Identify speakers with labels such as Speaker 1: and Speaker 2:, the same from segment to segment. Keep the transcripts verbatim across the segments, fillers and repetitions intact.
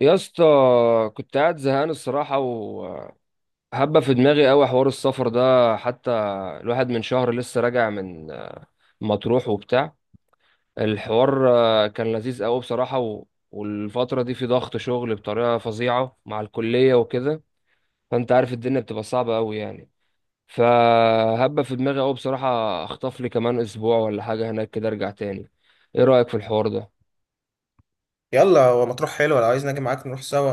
Speaker 1: يا اسطى، كنت قاعد زهقان الصراحة وهبة في دماغي قوي حوار السفر ده. حتى الواحد من شهر لسه راجع من مطروح وبتاع الحوار. آه، كان لذيذ قوي بصراحة و... والفترة دي في ضغط شغل بطريقة فظيعة مع الكلية وكده، فانت عارف الدنيا بتبقى صعبة قوي يعني. فهبة في دماغي قوي بصراحة، اخطف لي كمان اسبوع ولا حاجة هناك كده ارجع تاني. ايه رأيك في الحوار ده؟
Speaker 2: يلا هو مطروح حلو لو عايز نجي معاك نروح سوا.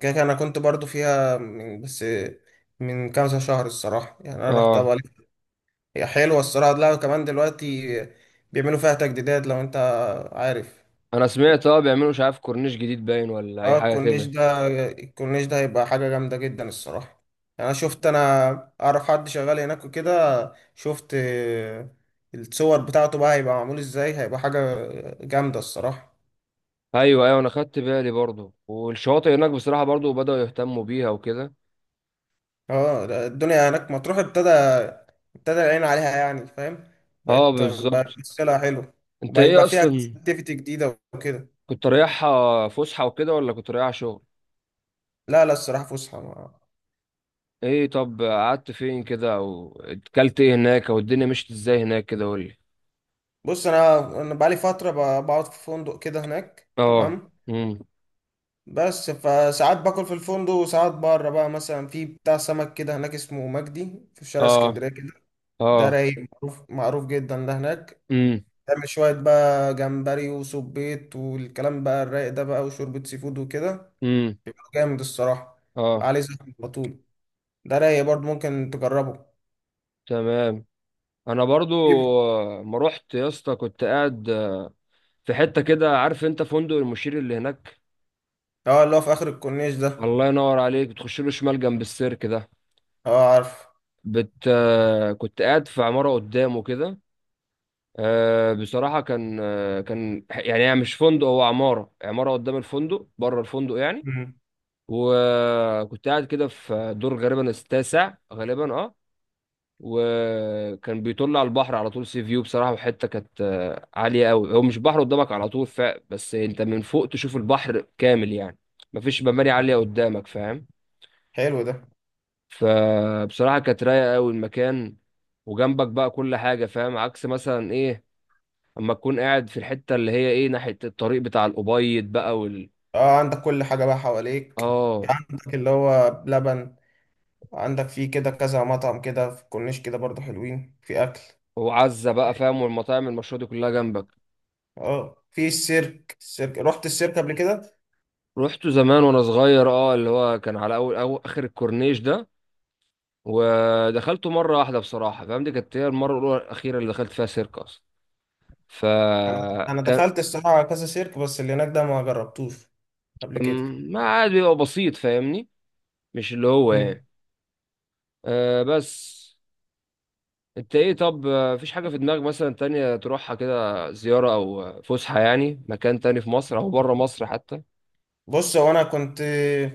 Speaker 2: كده كده انا كنت برضو فيها من بس من كذا شهر الصراحة، يعني انا رحتها
Speaker 1: اه.
Speaker 2: بقى. هي حلوة الصراحة، لا كمان دلوقتي بيعملوا فيها تجديدات لو انت عارف.
Speaker 1: انا سمعت، اه، بيعملوا مش عارف كورنيش جديد باين ولا اي
Speaker 2: اه
Speaker 1: حاجة
Speaker 2: الكورنيش
Speaker 1: كده.
Speaker 2: ده الكورنيش ده هيبقى حاجة جامدة جدا الصراحة، يعني انا شفت انا اعرف حد شغال هناك وكده، شفت الصور بتاعته بقى، هيبقى معمول ازاي، هيبقى حاجة جامدة الصراحة.
Speaker 1: ايوه ايوه، انا خدت بالي برضو، والشواطئ هناك بصراحه برضو بداوا يهتموا بيها وكده.
Speaker 2: اه لا، الدنيا هناك مطروح ابتدى ابتدى العين عليها يعني، فاهم،
Speaker 1: اه
Speaker 2: بقت بقت
Speaker 1: بالظبط.
Speaker 2: تشتغلها حلو،
Speaker 1: انت
Speaker 2: وبقى
Speaker 1: ايه
Speaker 2: يبقى فيها
Speaker 1: اصلا،
Speaker 2: اكتيفيتي جديدة وكده.
Speaker 1: كنت رايحها فسحه وكده ولا كنت رايحها شغل؟
Speaker 2: لا لا الصراحة فسحة ما-
Speaker 1: ايه طب، قعدت فين كده او اكلت ايه هناك او الدنيا مشيت ازاي هناك كده، قول لي.
Speaker 2: بص انا انا بقالي فترة ب- بقعد في فندق كده هناك
Speaker 1: اه.
Speaker 2: تمام.
Speaker 1: امم
Speaker 2: بس فساعات باكل في الفندق، وساعات بره بقى، مثلا في بتاع سمك كده هناك اسمه مجدي في شارع
Speaker 1: اه.
Speaker 2: اسكندرية كده، ده
Speaker 1: اه.
Speaker 2: رايق. معروف معروف جدا ده هناك.
Speaker 1: امم
Speaker 2: تعمل شوية بقى جمبري وسبيط والكلام بقى الرايق ده بقى، وشوربة سي فود وكده،
Speaker 1: امم
Speaker 2: جامد الصراحة. بيبقى
Speaker 1: اه.
Speaker 2: عليه زحمة على طول، ده رايق برضه، ممكن تجربه.
Speaker 1: تمام، انا برضو.
Speaker 2: جيب.
Speaker 1: آه، ما رحت يا اسطى، كنت قاعد آه، في حته كده، عارف انت فندق المشير اللي هناك؟
Speaker 2: اه اللي هو في آخر الكورنيش ده.
Speaker 1: الله ينور عليك، بتخش له شمال جنب السيرك ده.
Speaker 2: اه عارف.
Speaker 1: بت آه، كنت قاعد في عمارة قدامه كده. آه، بصراحة كان، آه، كان يعني، هي مش فندق، هو عمارة عمارة قدام الفندق، بره الفندق يعني.
Speaker 2: مم.
Speaker 1: وكنت قاعد كده في دور غالبا التاسع، غالبا اه. وكان بيطل على البحر على طول، سي فيو بصراحة. وحتة كانت آه، عالية قوي، هو مش بحر قدامك على طول ف... بس انت من فوق تشوف البحر كامل يعني، مفيش مباني عالية قدامك، فاهم.
Speaker 2: حلو ده.
Speaker 1: فبصراحة كانت رايقة قوي المكان، وجنبك بقى كل حاجة، فاهم؟ عكس مثلا ايه، اما تكون قاعد في الحتة اللي هي ايه، ناحية الطريق بتاع الأبيض بقى وال
Speaker 2: اه عندك كل حاجة بقى حواليك،
Speaker 1: اه.
Speaker 2: عندك اللي هو بلبن، عندك فيه كده كذا مطعم كده في الكورنيش كده برضه حلوين في أكل.
Speaker 1: وعزة بقى، فاهم، والمطاعم المشهورة دي كلها جنبك.
Speaker 2: اه في السيرك السيرك، رحت السيرك قبل كده؟
Speaker 1: رحت زمان وانا صغير، اه، اللي هو كان على اول أو اخر الكورنيش ده، ودخلته مرة واحدة بصراحة، فاهم، دي كانت هي المرة الأولى الأخيرة اللي دخلت فيها سيرك أصلا.
Speaker 2: أنا أنا
Speaker 1: فكان،
Speaker 2: دخلت الصراحة على كذا سيرك، بس اللي هناك ده ما جربتوش قبل كده.
Speaker 1: ما عاد بيبقى بسيط، فاهمني، مش اللي هو
Speaker 2: مم.
Speaker 1: يعني. آه بس، انت ايه طب، آه، مفيش حاجة في دماغك مثلا تانية تروحها كده زيارة او آه، فسحة يعني، مكان تاني في مصر او بره مصر حتى؟
Speaker 2: بص هو انا كنت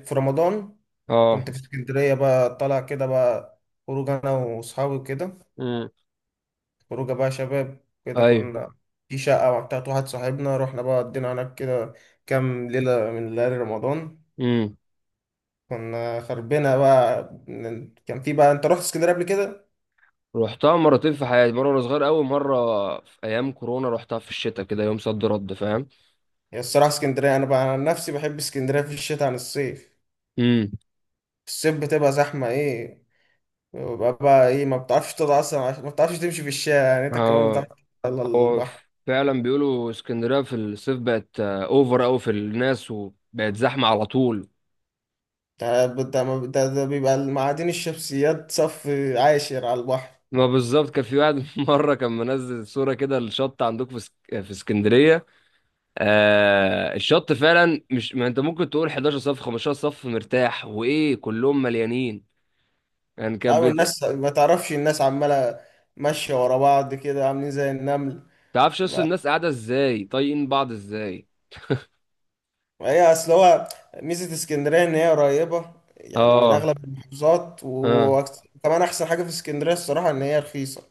Speaker 2: في رمضان،
Speaker 1: اه.
Speaker 2: كنت في اسكندريه بقى، طالع كده بقى، خروج انا واصحابي كده،
Speaker 1: امم
Speaker 2: خروجه بقى شباب كده،
Speaker 1: ايوه.
Speaker 2: كنا في شقه بتاعت واحد صاحبنا، رحنا بقى قضينا هناك كده كام ليله من ليالي رمضان.
Speaker 1: امم
Speaker 2: كنا خربنا بقى من- كان في بقى، انت رحت اسكندريه قبل كده؟
Speaker 1: رحتها مرتين في حياتي، مرة وانا صغير قوي، مرة في ايام كورونا. رحتها في الشتاء كده، يوم صد رد، فاهم.
Speaker 2: هي الصراحه اسكندريه انا بقى عن نفسي بحب اسكندريه في الشتاء عن الصيف.
Speaker 1: امم
Speaker 2: في الصيف بتبقى زحمه ايه، بقى, بقى ايه، ما بتعرفش تقعد اصلا، ما بتعرفش تمشي في الشارع، يعني انت كمان
Speaker 1: اه.
Speaker 2: بتعرف على
Speaker 1: هو
Speaker 2: البحر.
Speaker 1: فعلا بيقولوا اسكندرية في الصيف بقت آه، اوفر قوي في الناس وبقت زحمة على طول.
Speaker 2: ده ده ما- ده ده بيبقى معادن الشمسيات صف عاشر على البحر.
Speaker 1: ما بالظبط، كان في واحد مرة، كان منزل صورة كده الشط عندكم في اسك- في اسكندرية، آه، الشط فعلا، مش ما انت ممكن تقول حداشر صف خمسة عشر صف مرتاح، وايه كلهم مليانين يعني، كان
Speaker 2: أو
Speaker 1: بت...
Speaker 2: الناس، ما تعرفش، الناس عمالة ماشية ورا بعض كده عاملين زي النمل.
Speaker 1: تعرفش اصل
Speaker 2: ما
Speaker 1: الناس قاعده ازاي، طايقين بعض ازاي.
Speaker 2: ما هي أصل هو ميزة اسكندرية إن هي قريبة يعني من
Speaker 1: اه.
Speaker 2: أغلب المحافظات
Speaker 1: اه.
Speaker 2: و- وكمان أحسن حاجة في اسكندرية الصراحة إن هي رخيصة،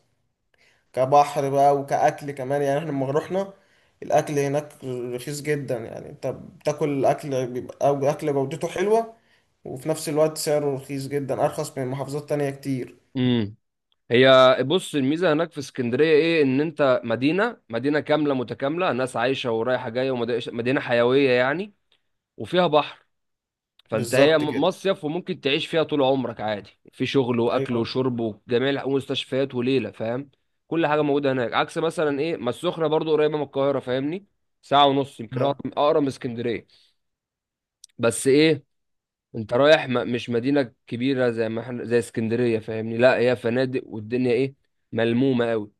Speaker 2: كبحر بقى وكأكل كمان، يعني إحنا لما رحنا، الأكل هناك رخيص جدا، يعني أنت بتاكل أكل بيبقى أو أكل جودته حلوة وفي نفس الوقت سعره رخيص جدا، أرخص من محافظات تانية كتير.
Speaker 1: امم هي بص، الميزه هناك في اسكندريه ايه، ان انت مدينه مدينه كامله متكامله، ناس عايشه ورايحه جايه، ومدينه حيويه يعني، وفيها بحر. فانت هي
Speaker 2: بالظبط
Speaker 1: م-
Speaker 2: كده،
Speaker 1: مصيف، وممكن تعيش فيها طول عمرك عادي، في شغل واكل
Speaker 2: أيوه.
Speaker 1: وشرب وجميع الح- ومستشفيات وليله، فاهم. كل حاجه موجوده هناك، عكس مثلا ايه، ما السخنه برضو قريبه من القاهره، فاهمني، ساعه ونص يمكن، اقرب،
Speaker 2: آه.
Speaker 1: أقرب من اسكندريه. بس ايه، انت رايح م- مش مدينه كبيره زي ما احنا زي اسكندريه، فاهمني، لا هي فنادق والدنيا ايه، ملمومه قوي.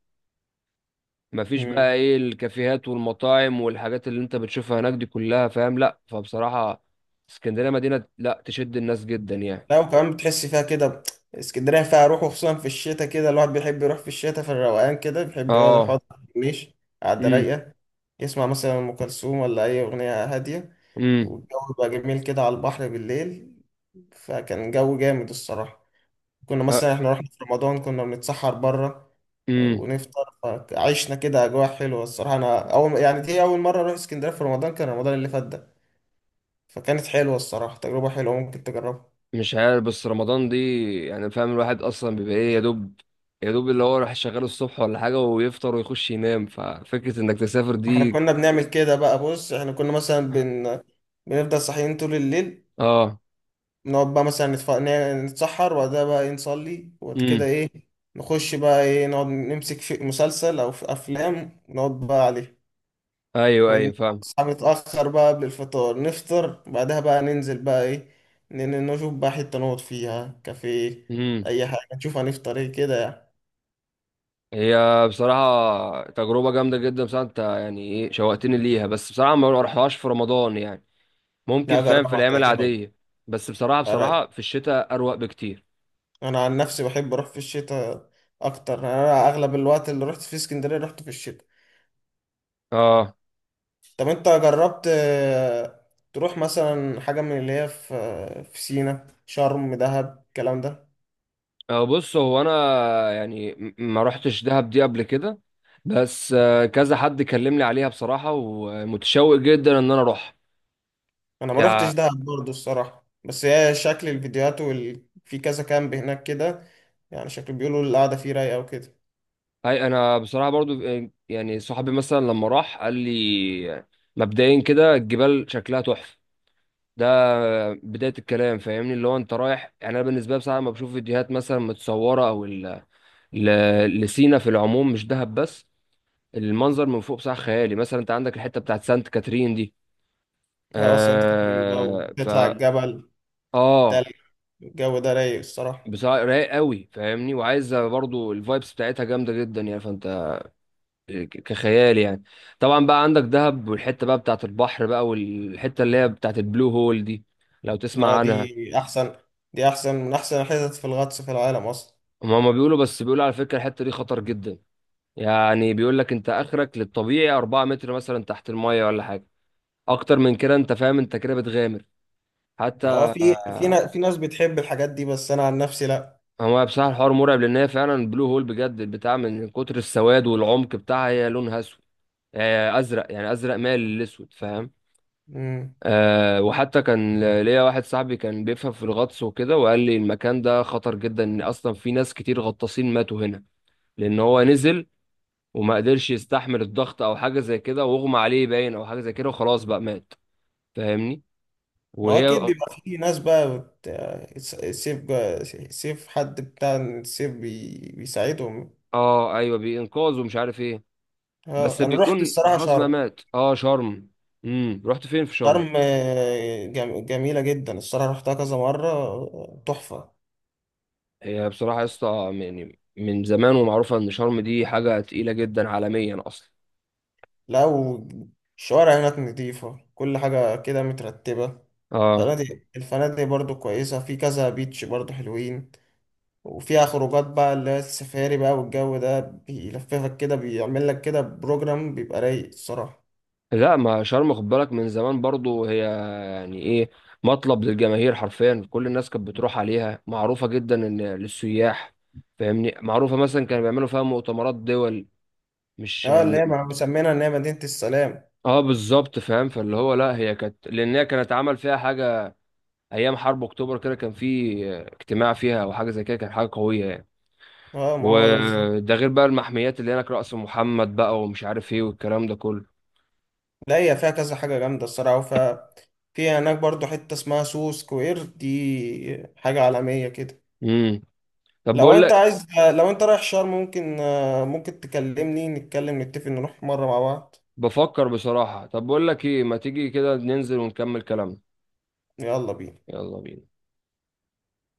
Speaker 1: مفيش
Speaker 2: مم.
Speaker 1: بقى ايه الكافيهات والمطاعم والحاجات اللي انت بتشوفها هناك دي كلها، فاهم؟ لا فبصراحه اسكندريه مدينه لا تشد الناس جدا يعني.
Speaker 2: لا، وكمان بتحس فيها كده، اسكندرية فيها روح، وخصوصا في الشتاء كده الواحد بيحب يروح في الشتاء في الروقان كده، بيحب يقعد
Speaker 1: اه.
Speaker 2: يقعد، مش قاعدة
Speaker 1: امم
Speaker 2: رايقة، يسمع مثلا أم كلثوم ولا أي أغنية هادية،
Speaker 1: امم
Speaker 2: والجو بقى جميل كده على البحر بالليل، فكان جو جامد الصراحة. كنا
Speaker 1: ها-.
Speaker 2: مثلا احنا رحنا في رمضان كنا بنتسحر بره
Speaker 1: امم
Speaker 2: ونفطر، عشنا كده اجواء حلوه الصراحه. انا اول يعني دي اول مره اروح اسكندريه في رمضان، كان رمضان اللي فات ده، فكانت حلوه الصراحه، تجربه حلوه، ممكن تجربها.
Speaker 1: مش عارف، بس رمضان دي يعني، فاهم، الواحد اصلا بيبقى ايه يا دوب، يا دوب اللي هو راح شغال الصبح ولا حاجه ويفطر ويخش ينام، ففكره انك تسافر
Speaker 2: احنا
Speaker 1: دي.
Speaker 2: كنا بنعمل كده بقى، بص احنا كنا مثلا بن... بنفضل صاحيين طول الليل،
Speaker 1: اه.
Speaker 2: نقعد بقى مثلا نتف... ن- نتسحر، وبعدها بقى ايه نصلي، وبعد كده
Speaker 1: امم
Speaker 2: ايه نخش بقى ايه، نقعد نمسك في مسلسل او في افلام نقعد بقى عليه،
Speaker 1: ايوه ايوه فاهم.
Speaker 2: ونصحى متأخر بقى قبل الفطار نفطر، بعدها بقى ننزل بقى ايه، ن- ن- نشوف بقى حتة نقعد فيها كافيه،
Speaker 1: امم
Speaker 2: أي حاجة، نشوف هنفطر ايه كده يعني.
Speaker 1: هي بصراحه تجربه جامده جدا بصراحه، انت يعني ايه، شوقتني ليها، بس بصراحه ما اروحهاش في رمضان يعني، ممكن
Speaker 2: لا
Speaker 1: فاهم في
Speaker 2: جربها
Speaker 1: الايام
Speaker 2: هتعجبك.
Speaker 1: العاديه. بس بصراحه،
Speaker 2: رايق.
Speaker 1: بصراحه في الشتاء اروق بكتير.
Speaker 2: أنا عن نفسي بحب أروح في الشتاء أكتر، أنا أغلب الوقت اللي رحت فيه اسكندرية رحت في الشتاء.
Speaker 1: اه.
Speaker 2: طب أنت جربت آه، تروح مثلا حاجة من اللي هي في في سينا، شرم، دهب، الكلام ده؟
Speaker 1: أه بص، هو انا يعني م- ما رحتش دهب دي قبل كده، بس آه، كذا حد كلمني عليها بصراحة ومتشوق جدا ان انا اروح
Speaker 2: انا ما روحتش
Speaker 1: يعني.
Speaker 2: دهب برضه الصراحه، بس هي شكل الفيديوهات وال... في كذا كامب هناك كده يعني، شكل بيقولوا القعده فيه رايقه وكده.
Speaker 1: هاي انا بصراحة برضو آه، يعني صاحبي مثلا لما راح قال لي، مبدئيا كده الجبال شكلها تحفة. ده بداية الكلام، فاهمني، اللي هو انت رايح يعني، انا بالنسبة لي بصراحة لما بشوف فيديوهات مثلا متصورة او ال- ل- لسينا في العموم، مش دهب بس، المنظر من فوق بصراحة خيالي. مثلا انت عندك الحتة بتاعت سانت كاترين دي،
Speaker 2: اه سانت كاترين بقى
Speaker 1: آه
Speaker 2: وتطلع
Speaker 1: فا.
Speaker 2: الجبل،
Speaker 1: اه
Speaker 2: تلج، الجو ده رايق الصراحه.
Speaker 1: بصراحة رايق قوي، فاهمني، وعايزة برضو الفايبس بتاعتها جامدة جدا يعني، فانت ك- كخيال يعني. طبعا بقى عندك دهب، والحتة بقى بتاعت البحر بقى، والحتة اللي هي بتاعت البلو هول دي، لو تسمع
Speaker 2: اه
Speaker 1: عنها.
Speaker 2: دي احسن، دي احسن من احسن الحتت في الغطس في العالم اصلا.
Speaker 1: هما ما بيقولوا بس، بيقولوا على فكرة الحتة دي خطر جدا، يعني بيقول لك انت اخرك للطبيعي أربعة متر مثلا تحت المية ولا حاجة، اكتر من كده انت فاهم، انت كده بتغامر
Speaker 2: ما هو
Speaker 1: حتى.
Speaker 2: في في نا- في ناس بتحب الحاجات دي، بس انا عن نفسي لا.
Speaker 1: هو بصراحة الحوار مرعب، لأن هي فعلا بلو هول بجد البتاع، من كتر السواد والعمق بتاعها هي لونها أسود، آه، أزرق يعني، أزرق مايل للأسود، فاهم.
Speaker 2: امم.
Speaker 1: أه، وحتى كان ليا واحد صاحبي كان بيفهم في الغطس وكده وقال لي المكان ده خطر جدا، إن أصلا في ناس كتير غطاسين ماتوا هنا، لأن هو نزل وما قدرش يستحمل الضغط أو حاجة زي كده، واغمى عليه باين أو حاجة زي كده وخلاص بقى مات، فاهمني.
Speaker 2: ما هو اكيد
Speaker 1: وهي
Speaker 2: بيبقى في ناس بقى بت... سيف سيف حد بتاع السيف بي... بيساعدهم.
Speaker 1: اه ايوه، بينقاذ ومش عارف ايه، بس
Speaker 2: اه انا رحت
Speaker 1: بيكون
Speaker 2: الصراحه
Speaker 1: خلاص ما
Speaker 2: شرم.
Speaker 1: مات. اه شرم. امم رحت فين في شرم؟
Speaker 2: شرم آه، جم- جميلة جدا الصراحة، رحتها كذا مرة، آه، تحفة.
Speaker 1: هي بصراحه يا اسطى يعني من زمان ومعروفه ان شرم دي حاجه تقيله جدا عالميا اصلا.
Speaker 2: لا والشوارع هناك نظيفة، كل حاجة كده مترتبة،
Speaker 1: اه.
Speaker 2: الفنادق، الفنادق برضو كويسة، في كذا بيتش برضو حلوين. وفيها خروجات بقى اللي هي السفاري بقى، والجو ده بيلففك كده، بيعمل لك كده بروجرام بيبقى رايق الصراحة.
Speaker 1: لا ما شرم خد بالك من زمان برضو، هي يعني ايه، مطلب للجماهير حرفيا كل الناس كانت بتروح عليها، معروفة جدا ان للسياح، فاهمني، معروفة مثلا كانوا بيعملوا فيها مؤتمرات دول، مش
Speaker 2: اه اللي هي
Speaker 1: م-
Speaker 2: مسمينها ان هي مدينة السلام.
Speaker 1: اه بالظبط فاهم، فاللي هو لا هي كانت، لان هي كانت عمل فيها حاجة ايام حرب اكتوبر كده، كان في اجتماع فيها او حاجه زي كده، كان حاجه قويه يعني.
Speaker 2: اه ما هو ده بالظبط.
Speaker 1: وده غير بقى المحميات اللي هناك، رأس محمد بقى ومش عارف ايه والكلام ده كله.
Speaker 2: لا هي فيها كذا حاجة جامدة الصراحة، وف في هناك برضو حتة اسمها سو سكوير، دي حاجة عالمية كده.
Speaker 1: امم طب
Speaker 2: لو
Speaker 1: بقول
Speaker 2: انت
Speaker 1: لك،
Speaker 2: عايز لو انت رايح شرم، ممكن، ممكن تكلمني نتكلم نتفق نروح مرة مع بعض.
Speaker 1: بفكر بصراحه. طب بقول لك ايه، ما تيجي كده ننزل ونكمل كلامنا.
Speaker 2: يلا بينا.
Speaker 1: يلا بينا.